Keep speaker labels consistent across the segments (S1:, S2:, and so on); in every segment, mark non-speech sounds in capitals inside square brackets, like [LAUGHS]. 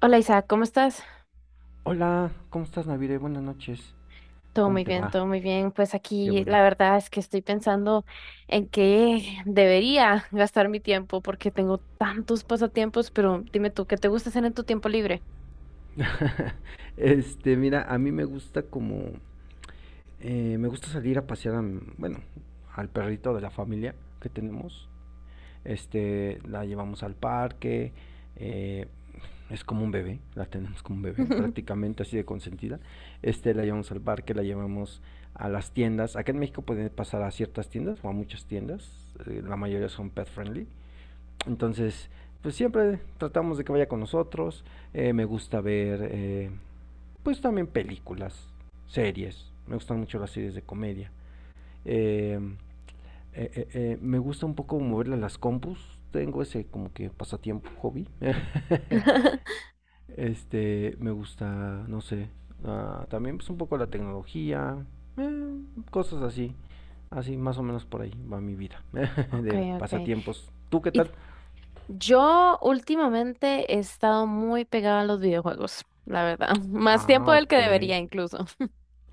S1: Hola Isaac, ¿cómo estás?
S2: Hola, ¿cómo estás, Navire? Buenas noches.
S1: Todo
S2: ¿Cómo
S1: muy
S2: te
S1: bien,
S2: va?
S1: todo muy bien. Pues
S2: Qué
S1: aquí
S2: bueno.
S1: la verdad es que estoy pensando en qué debería gastar mi tiempo porque tengo tantos pasatiempos, pero dime tú, ¿qué te gusta hacer en tu tiempo libre?
S2: [LAUGHS] Este, mira, a mí me gusta como, me gusta salir a pasear, bueno, al perrito de la familia que tenemos. Este, la llevamos al parque, eh, es como un bebé, la tenemos como un bebé, prácticamente así de consentida. Este, la llevamos al parque, la llevamos a las tiendas. Acá en México pueden pasar a ciertas tiendas o a muchas tiendas, la mayoría son pet friendly. Entonces, pues siempre tratamos de que vaya con nosotros. Me gusta ver, pues también películas, series. Me gustan mucho las series de comedia. Eh, eh, me gusta un poco moverle a las compus. Tengo ese como que pasatiempo, hobby. [LAUGHS]
S1: [LAUGHS]
S2: Este, me gusta, no sé, ah, también pues un poco la tecnología, eh, cosas así. Así, más o menos por ahí va mi vida [LAUGHS] de
S1: Okay, okay.
S2: pasatiempos. ¿Tú qué
S1: Y
S2: tal?
S1: t- yo últimamente he estado muy pegada a los videojuegos, la verdad. [LAUGHS] Más tiempo
S2: Ah,
S1: del
S2: ok.
S1: que debería incluso.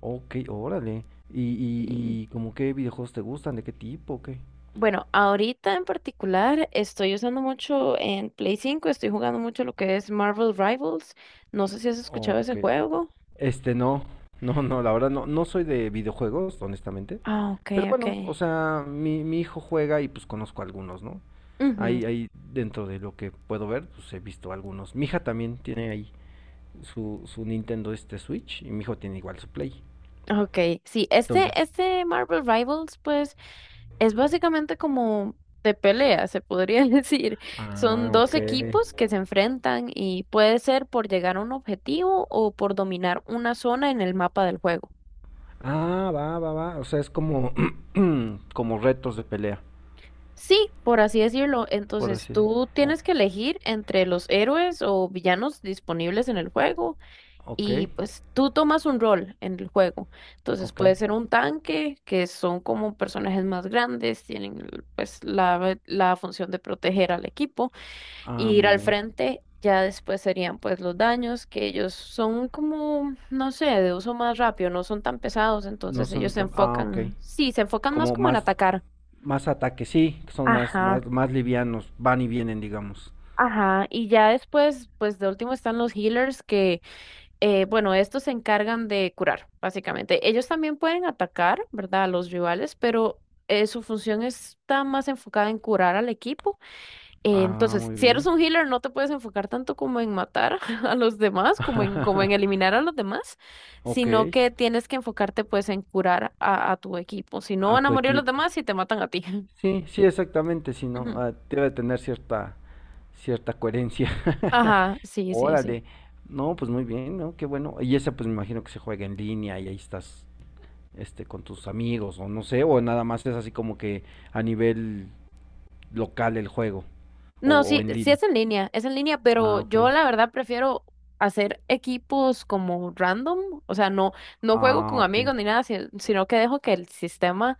S2: Ok, órale. ¿Y,
S1: Sí.
S2: y, y como qué videojuegos te gustan? ¿De qué tipo? ¿O qué?
S1: Bueno, ahorita en particular estoy usando mucho en Play 5, estoy jugando mucho lo que es Marvel Rivals. No sé si has escuchado ese
S2: Ok.
S1: juego.
S2: Este, no. No, no, la verdad no, no soy de videojuegos, honestamente.
S1: Ah, ok,
S2: Pero
S1: ok.
S2: bueno, o sea, mi hijo juega y pues conozco algunos, ¿no?
S1: Ujú.
S2: Ahí dentro de lo que puedo ver, pues he visto algunos. Mi hija también tiene ahí su Nintendo Switch y mi hijo tiene igual su Play.
S1: Ok, sí, este,
S2: Entonces,
S1: este Marvel Rivals, pues, es básicamente como de pelea, se podría [LAUGHS] decir. Son
S2: ah,
S1: dos
S2: ok.
S1: equipos que se enfrentan y puede ser por llegar a un objetivo o por dominar una zona en el mapa del juego.
S2: Ah, va, va, va. O sea, es como, [CLEARS THROAT] como retos de pelea,
S1: Sí, por así decirlo.
S2: por
S1: Entonces
S2: así
S1: tú
S2: decirlo.
S1: tienes que elegir entre los héroes o villanos disponibles en el juego
S2: Ok,
S1: y pues tú tomas un rol en el juego. Entonces
S2: ok.
S1: puede ser un tanque, que son como personajes más grandes, tienen pues la función de proteger al equipo
S2: Ah,
S1: y ir
S2: muy
S1: al
S2: bien.
S1: frente. Ya después serían pues los daños, que ellos son como, no sé, de uso más rápido, no son tan pesados,
S2: No
S1: entonces
S2: son
S1: ellos se
S2: tan. Ah, ok.
S1: enfocan, sí, se enfocan más
S2: Como
S1: como en
S2: más,
S1: atacar.
S2: más ataques, sí, son más,
S1: Ajá.
S2: más, más livianos, van y vienen, digamos.
S1: Ajá, y ya después, pues de último están los healers que, bueno, estos se encargan de curar, básicamente. Ellos también pueden atacar, ¿verdad? A los rivales, pero su función está más enfocada en curar al equipo.
S2: Ah,
S1: Entonces,
S2: muy
S1: si eres
S2: bien.
S1: un healer, no te puedes enfocar tanto como en matar [LAUGHS] a los demás, como en, como en
S2: [LAUGHS]
S1: eliminar a los demás,
S2: Ok,
S1: sino que tienes que enfocarte pues en curar a tu equipo. Si no,
S2: a
S1: van a
S2: tu
S1: morir los
S2: equipo.
S1: demás y te matan a ti. [LAUGHS]
S2: Sí, sí, exactamente, si no,
S1: Ujú.
S2: debe tener cierta, coherencia. [LAUGHS]
S1: Ajá, sí, sí, sí.
S2: Órale. No, pues muy bien, ¿no? Qué bueno. Y esa pues me imagino que se juega en línea y ahí estás, este, con tus amigos o no sé, o nada más es así como que a nivel local el juego o,
S1: No,
S2: o
S1: sí,
S2: en
S1: sí
S2: línea.
S1: es en línea, pero
S2: Ah, ok.
S1: yo la verdad prefiero hacer equipos como random, o sea, no, no juego
S2: Ah,
S1: con
S2: ok.
S1: amigos ni nada, sino que dejo que el sistema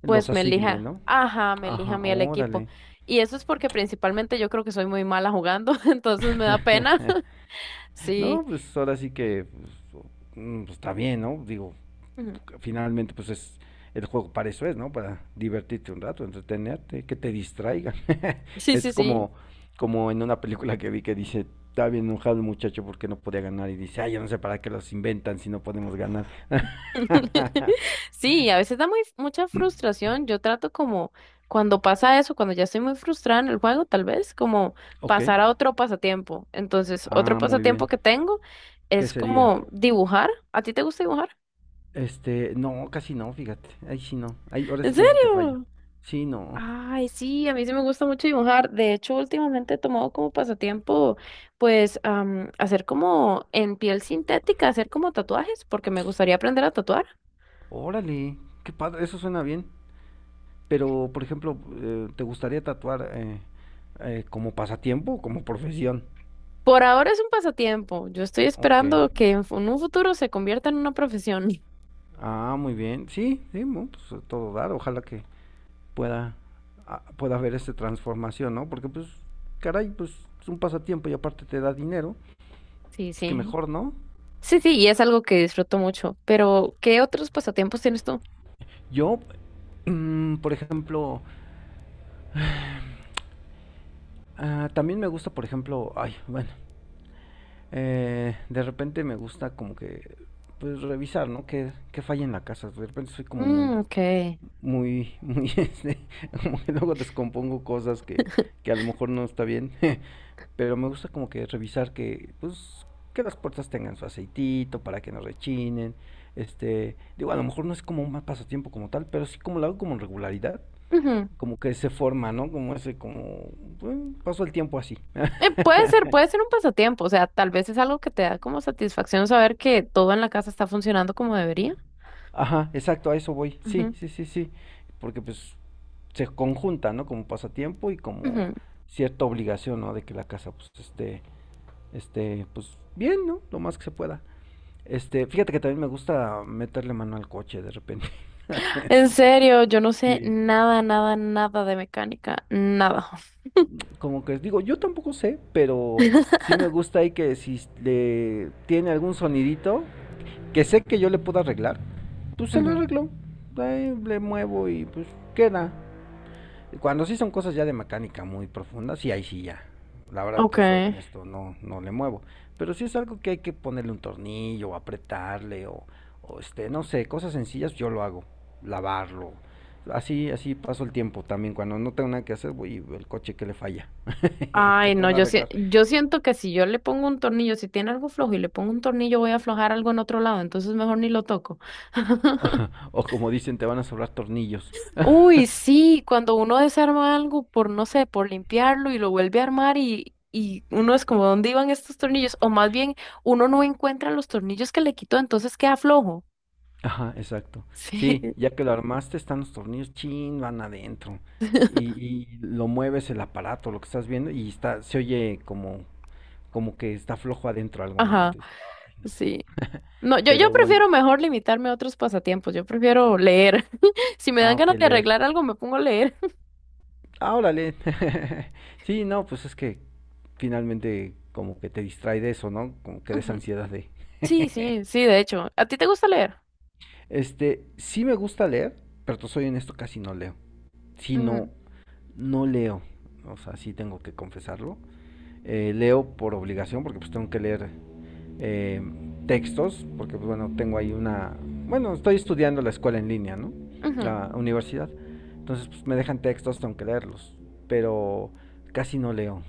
S2: Los
S1: pues me
S2: asigne,
S1: elija,
S2: ¿no?
S1: ajá, me elija a
S2: Ajá,
S1: mí el equipo.
S2: órale.
S1: Y eso es porque principalmente yo creo que soy muy mala jugando, [LAUGHS] entonces me da pena. [LAUGHS]
S2: [LAUGHS]
S1: Sí,
S2: No, pues ahora sí que pues, pues, está bien, ¿no? Digo,
S1: ujú,
S2: finalmente pues es el juego para eso es, ¿no? Para divertirte un rato, entretenerte, que te distraigan. [LAUGHS]
S1: sí, sí,
S2: Es
S1: sí.
S2: como en una película que vi que dice, está bien enojado el muchacho porque no podía ganar y dice, ay, yo no sé para qué los inventan si no podemos ganar.
S1: [LAUGHS]
S2: [LAUGHS]
S1: Sí, a veces da muy, mucha frustración. Yo trato como cuando pasa eso, cuando ya estoy muy frustrada en el juego, tal vez como
S2: Ok.
S1: pasar a otro pasatiempo. Entonces, otro
S2: Ah, muy
S1: pasatiempo
S2: bien.
S1: que tengo
S2: ¿Qué
S1: es
S2: sería?
S1: como dibujar. ¿A ti te gusta dibujar?
S2: Este, no, casi no, fíjate. Ahí sí no. Ahí, ahora sí
S1: ¿En
S2: que ahí sí te fallo.
S1: serio?
S2: Sí, no.
S1: Ay, sí, a mí sí me gusta mucho dibujar. De hecho, últimamente he tomado como pasatiempo, pues, hacer como en piel sintética, hacer como tatuajes, porque me gustaría aprender a tatuar.
S2: Órale, qué padre, eso suena bien. Pero, por ejemplo, ¿te gustaría tatuar como pasatiempo o como profesión?
S1: Por ahora es un pasatiempo. Yo estoy
S2: Ok.
S1: esperando que en un futuro se convierta en una profesión. [LAUGHS]
S2: Ah, muy bien. Sí, sí, bueno, pues a todo dar. Ojalá que pueda, pueda haber esta transformación, ¿no? Porque, pues, caray, pues es un pasatiempo y aparte te da dinero.
S1: Sí,
S2: Pues que
S1: sí.
S2: mejor, ¿no?
S1: Sí, sí, y es algo que disfruto mucho. Pero, ¿qué otros pasatiempos tienes tú?
S2: Yo, por ejemplo, ah, también me gusta, por ejemplo, ay, bueno. De repente me gusta como que pues revisar, ¿no? Que falla en la casa. De repente soy como muy,
S1: Mm, ok.
S2: muy, [LAUGHS] muy, este, como que luego descompongo cosas que a lo mejor no está bien. [LAUGHS] Pero me gusta como que revisar que las puertas tengan su aceitito para que no rechinen. Este, digo, a lo mejor no es como un mal pasatiempo como tal, pero sí como lo hago como en regularidad.
S1: Ujú.
S2: Como que se forma, ¿no? Como ese, como, bueno, paso el tiempo así. [LAUGHS]
S1: Puede ser un pasatiempo. O sea, tal vez es algo que te da como satisfacción saber que todo en la casa está funcionando como debería.
S2: Ajá, exacto, a eso voy. Sí,
S1: Ujú,
S2: sí, sí, sí. Porque pues se conjunta, ¿no? Como pasatiempo y como
S1: ujú.
S2: cierta obligación, ¿no? De que la casa pues esté pues bien, ¿no? Lo más que se pueda. Este, fíjate que también me gusta meterle mano al coche de repente. [LAUGHS]
S1: En serio, yo no sé
S2: Sí.
S1: nada, nada, nada de mecánica. Nada.
S2: Como que digo, yo tampoco sé, pero sí
S1: [LAUGHS]
S2: me gusta ahí que si le tiene algún sonidito que sé que yo le puedo arreglar, pues se lo
S1: Ujú.
S2: arreglo. Ahí le muevo y pues queda. Cuando sí son cosas ya de mecánica muy profundas, sí, ahí sí ya. La verdad,
S1: Ok.
S2: te soy honesto, no, no le muevo. Pero sí es algo que hay que ponerle un tornillo, o apretarle, o este, no sé, cosas sencillas, yo lo hago. Lavarlo. Así, así paso el tiempo también. Cuando no tengo nada que hacer, voy el coche que le falla, [LAUGHS] que
S1: Ay, no,
S2: puedo arreglar.
S1: yo
S2: [LAUGHS]
S1: siento que si yo le pongo un tornillo, si tiene algo flojo y le pongo un tornillo, voy a aflojar algo en otro lado, entonces mejor ni lo toco. [LAUGHS]
S2: O o como dicen, te van a sobrar tornillos.
S1: Uy, sí, cuando uno desarma algo por, no sé, por limpiarlo y lo vuelve a armar y uno es como, ¿dónde iban estos tornillos? O más bien, uno no encuentra los tornillos que le quitó, entonces queda flojo.
S2: Ajá, exacto.
S1: Sí.
S2: Sí,
S1: [LAUGHS]
S2: ya que lo armaste, están los tornillos, chin, van adentro. Y, y lo mueves el aparato, lo que estás viendo, y está, se oye como que está flojo adentro algo, ¿no?
S1: Ajá,
S2: Entonces, ay, no.
S1: sí. No, yo
S2: Pero bueno,
S1: prefiero mejor limitarme a otros pasatiempos, yo prefiero leer. [LAUGHS] Si me dan
S2: ah, ok,
S1: ganas de
S2: leer.
S1: arreglar algo, me pongo a leer.
S2: Ah, órale. [LAUGHS] Sí, no, pues es que finalmente como que te distrae de eso, ¿no? Como
S1: [LAUGHS]
S2: que de esa
S1: Ujú.
S2: ansiedad de.
S1: Sí,
S2: [LAUGHS]
S1: sí, sí, de hecho. ¿A ti te gusta leer?
S2: Este, sí me gusta leer, pero te soy honesto, casi no leo. Si no,
S1: Mm,
S2: no leo. O sea, sí tengo que confesarlo. Leo por obligación, porque pues tengo que leer eh, textos, porque pues bueno, tengo ahí una, bueno, estoy estudiando la escuela en línea, ¿no?
S1: ujú.
S2: La universidad. Entonces pues me dejan textos, tengo que leerlos, pero casi no leo,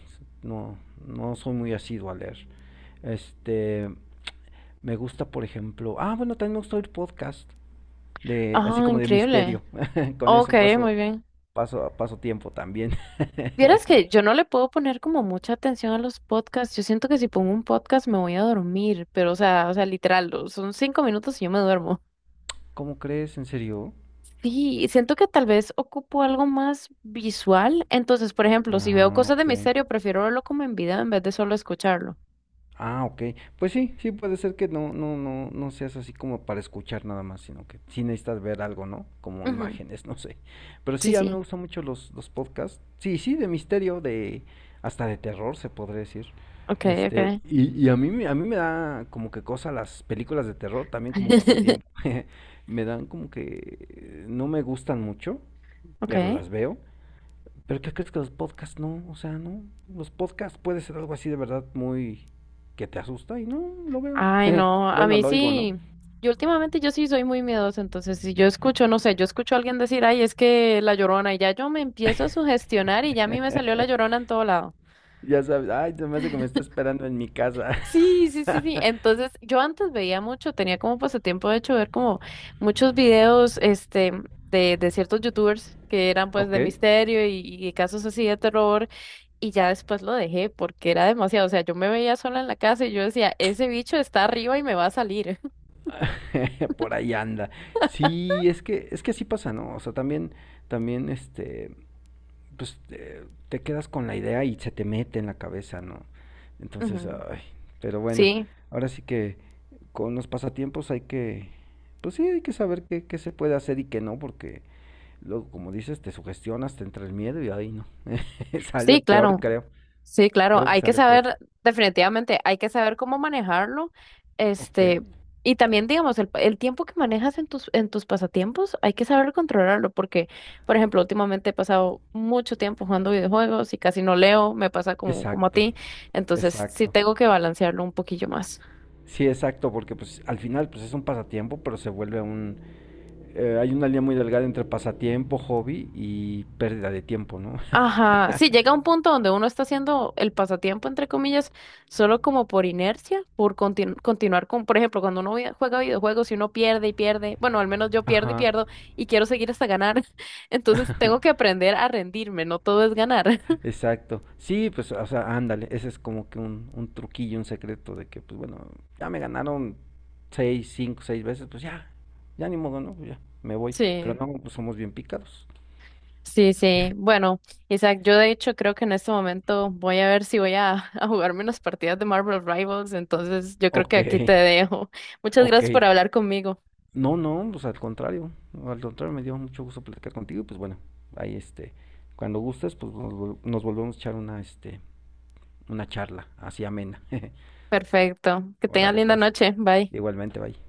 S2: no, no soy muy asiduo a leer. Este, me gusta, por ejemplo, ah, bueno, también me gusta oír podcast de así
S1: Ah,
S2: como de
S1: increíble.
S2: misterio. [LAUGHS] Con
S1: Ok,
S2: eso paso
S1: muy bien.
S2: paso paso tiempo también.
S1: Vieras que
S2: [LAUGHS]
S1: yo no le puedo poner como mucha atención a los podcasts. Yo siento que si pongo un podcast me voy a dormir, pero o sea, literal, son 5 minutos y yo me duermo.
S2: ¿Cómo crees? ¿En serio?
S1: Sí, y siento que tal vez ocupo algo más visual. Entonces, por ejemplo, si veo
S2: Ah,
S1: cosas de
S2: ok.
S1: misterio, prefiero verlo como en video en vez de solo escucharlo.
S2: Ah, ok. Pues sí, sí puede ser que no, no, no, no seas así como para escuchar nada más, sino que sí necesitas ver algo, ¿no? Como
S1: Ujú.
S2: imágenes, [LAUGHS] no sé. Pero
S1: Sí,
S2: sí, a mí me
S1: sí.
S2: gustan mucho los podcasts. Sí, sí, de misterio, de hasta de terror se podría decir.
S1: Ok,
S2: Este,
S1: ok.
S2: y a mí, a mí me da como que cosa las películas de terror también como pasatiempo.
S1: [LAUGHS]
S2: [LAUGHS] Me dan como que no me gustan mucho, pero
S1: Ok.
S2: las veo. Pero ¿qué crees que los podcasts no? O sea, no. Los podcasts puede ser algo así de verdad muy que te asusta y no lo veo.
S1: Ay,
S2: [LAUGHS]
S1: no, a
S2: Bueno,
S1: mí
S2: lo oigo, ¿no?
S1: sí. Yo últimamente yo sí soy muy miedosa, entonces si yo escucho, no sé, yo escucho a alguien decir, ay, es que la llorona, y ya yo me empiezo a sugestionar y ya a mí me salió la llorona
S2: [LAUGHS]
S1: en todo lado.
S2: Ya sabes, ay, se me hace que me está esperando en mi casa.
S1: Sí, sí,
S2: [LAUGHS]
S1: sí, sí. Entonces yo antes veía mucho, tenía como pasatiempo de hecho ver como muchos videos, este, de ciertos youtubers que eran pues
S2: Ok,
S1: de misterio y casos así de terror. Y ya después lo dejé porque era demasiado. O sea, yo me veía sola en la casa y yo decía, ese bicho está arriba y me va a salir.
S2: [LAUGHS] por ahí anda. Sí, es que así pasa, ¿no? O sea, también este pues te quedas con la idea y se te mete en la cabeza, ¿no?
S1: [LAUGHS]
S2: Entonces,
S1: Ujú.
S2: ay, pero bueno,
S1: Sí.
S2: ahora sí que con los pasatiempos hay que, pues sí, hay que saber qué se puede hacer y qué no, porque luego, como dices, te sugestionas, te entra el miedo y ahí no, [LAUGHS] sale
S1: Sí,
S2: peor,
S1: claro,
S2: creo,
S1: sí, claro,
S2: creo que
S1: hay que
S2: sale peor.
S1: saber, definitivamente, hay que saber cómo manejarlo,
S2: Ok,
S1: este, y también, digamos, el tiempo que manejas en tus pasatiempos, hay que saber controlarlo, porque, por ejemplo, últimamente he pasado mucho tiempo jugando videojuegos y casi no leo, me pasa como, como a
S2: exacto,
S1: ti, entonces sí
S2: exacto.
S1: tengo que balancearlo un poquillo más.
S2: Sí, exacto, porque pues al final pues es un pasatiempo, pero se vuelve un. Hay una línea muy delgada entre pasatiempo, hobby y pérdida de tiempo, ¿no?
S1: Ajá, sí, llega un punto donde uno está haciendo el pasatiempo, entre comillas, solo como por inercia, por continuar con, por ejemplo, cuando juega videojuegos y uno pierde y pierde, bueno, al menos yo
S2: [LAUGHS]
S1: pierdo y
S2: Ajá.
S1: pierdo y quiero seguir hasta ganar, [LAUGHS] entonces tengo que
S2: [LAUGHS]
S1: aprender a rendirme, no todo es ganar. [LAUGHS]
S2: Exacto. Sí, pues, o sea, ándale, ese es como que un truquillo, un secreto de que, pues bueno, ya me ganaron seis, cinco, seis veces, pues ya, ya ni modo, ¿no? Pues ya, me voy. Pero
S1: Sí,
S2: no, pues somos bien picados.
S1: sí, sí. Bueno, Isaac, yo de hecho creo que en este momento voy a ver si voy a jugarme unas partidas de Marvel Rivals, entonces yo creo que
S2: Ok,
S1: aquí te dejo. Muchas
S2: [LAUGHS] ok.
S1: gracias por hablar conmigo.
S2: No, no, pues al contrario, me dio mucho gusto platicar contigo, pues bueno, ahí este, cuando gustes, pues nos volvemos a echar una charla así amena. [LAUGHS]
S1: Perfecto. Que tengas
S2: Órale,
S1: linda
S2: pues,
S1: noche. Bye.
S2: igualmente, bye.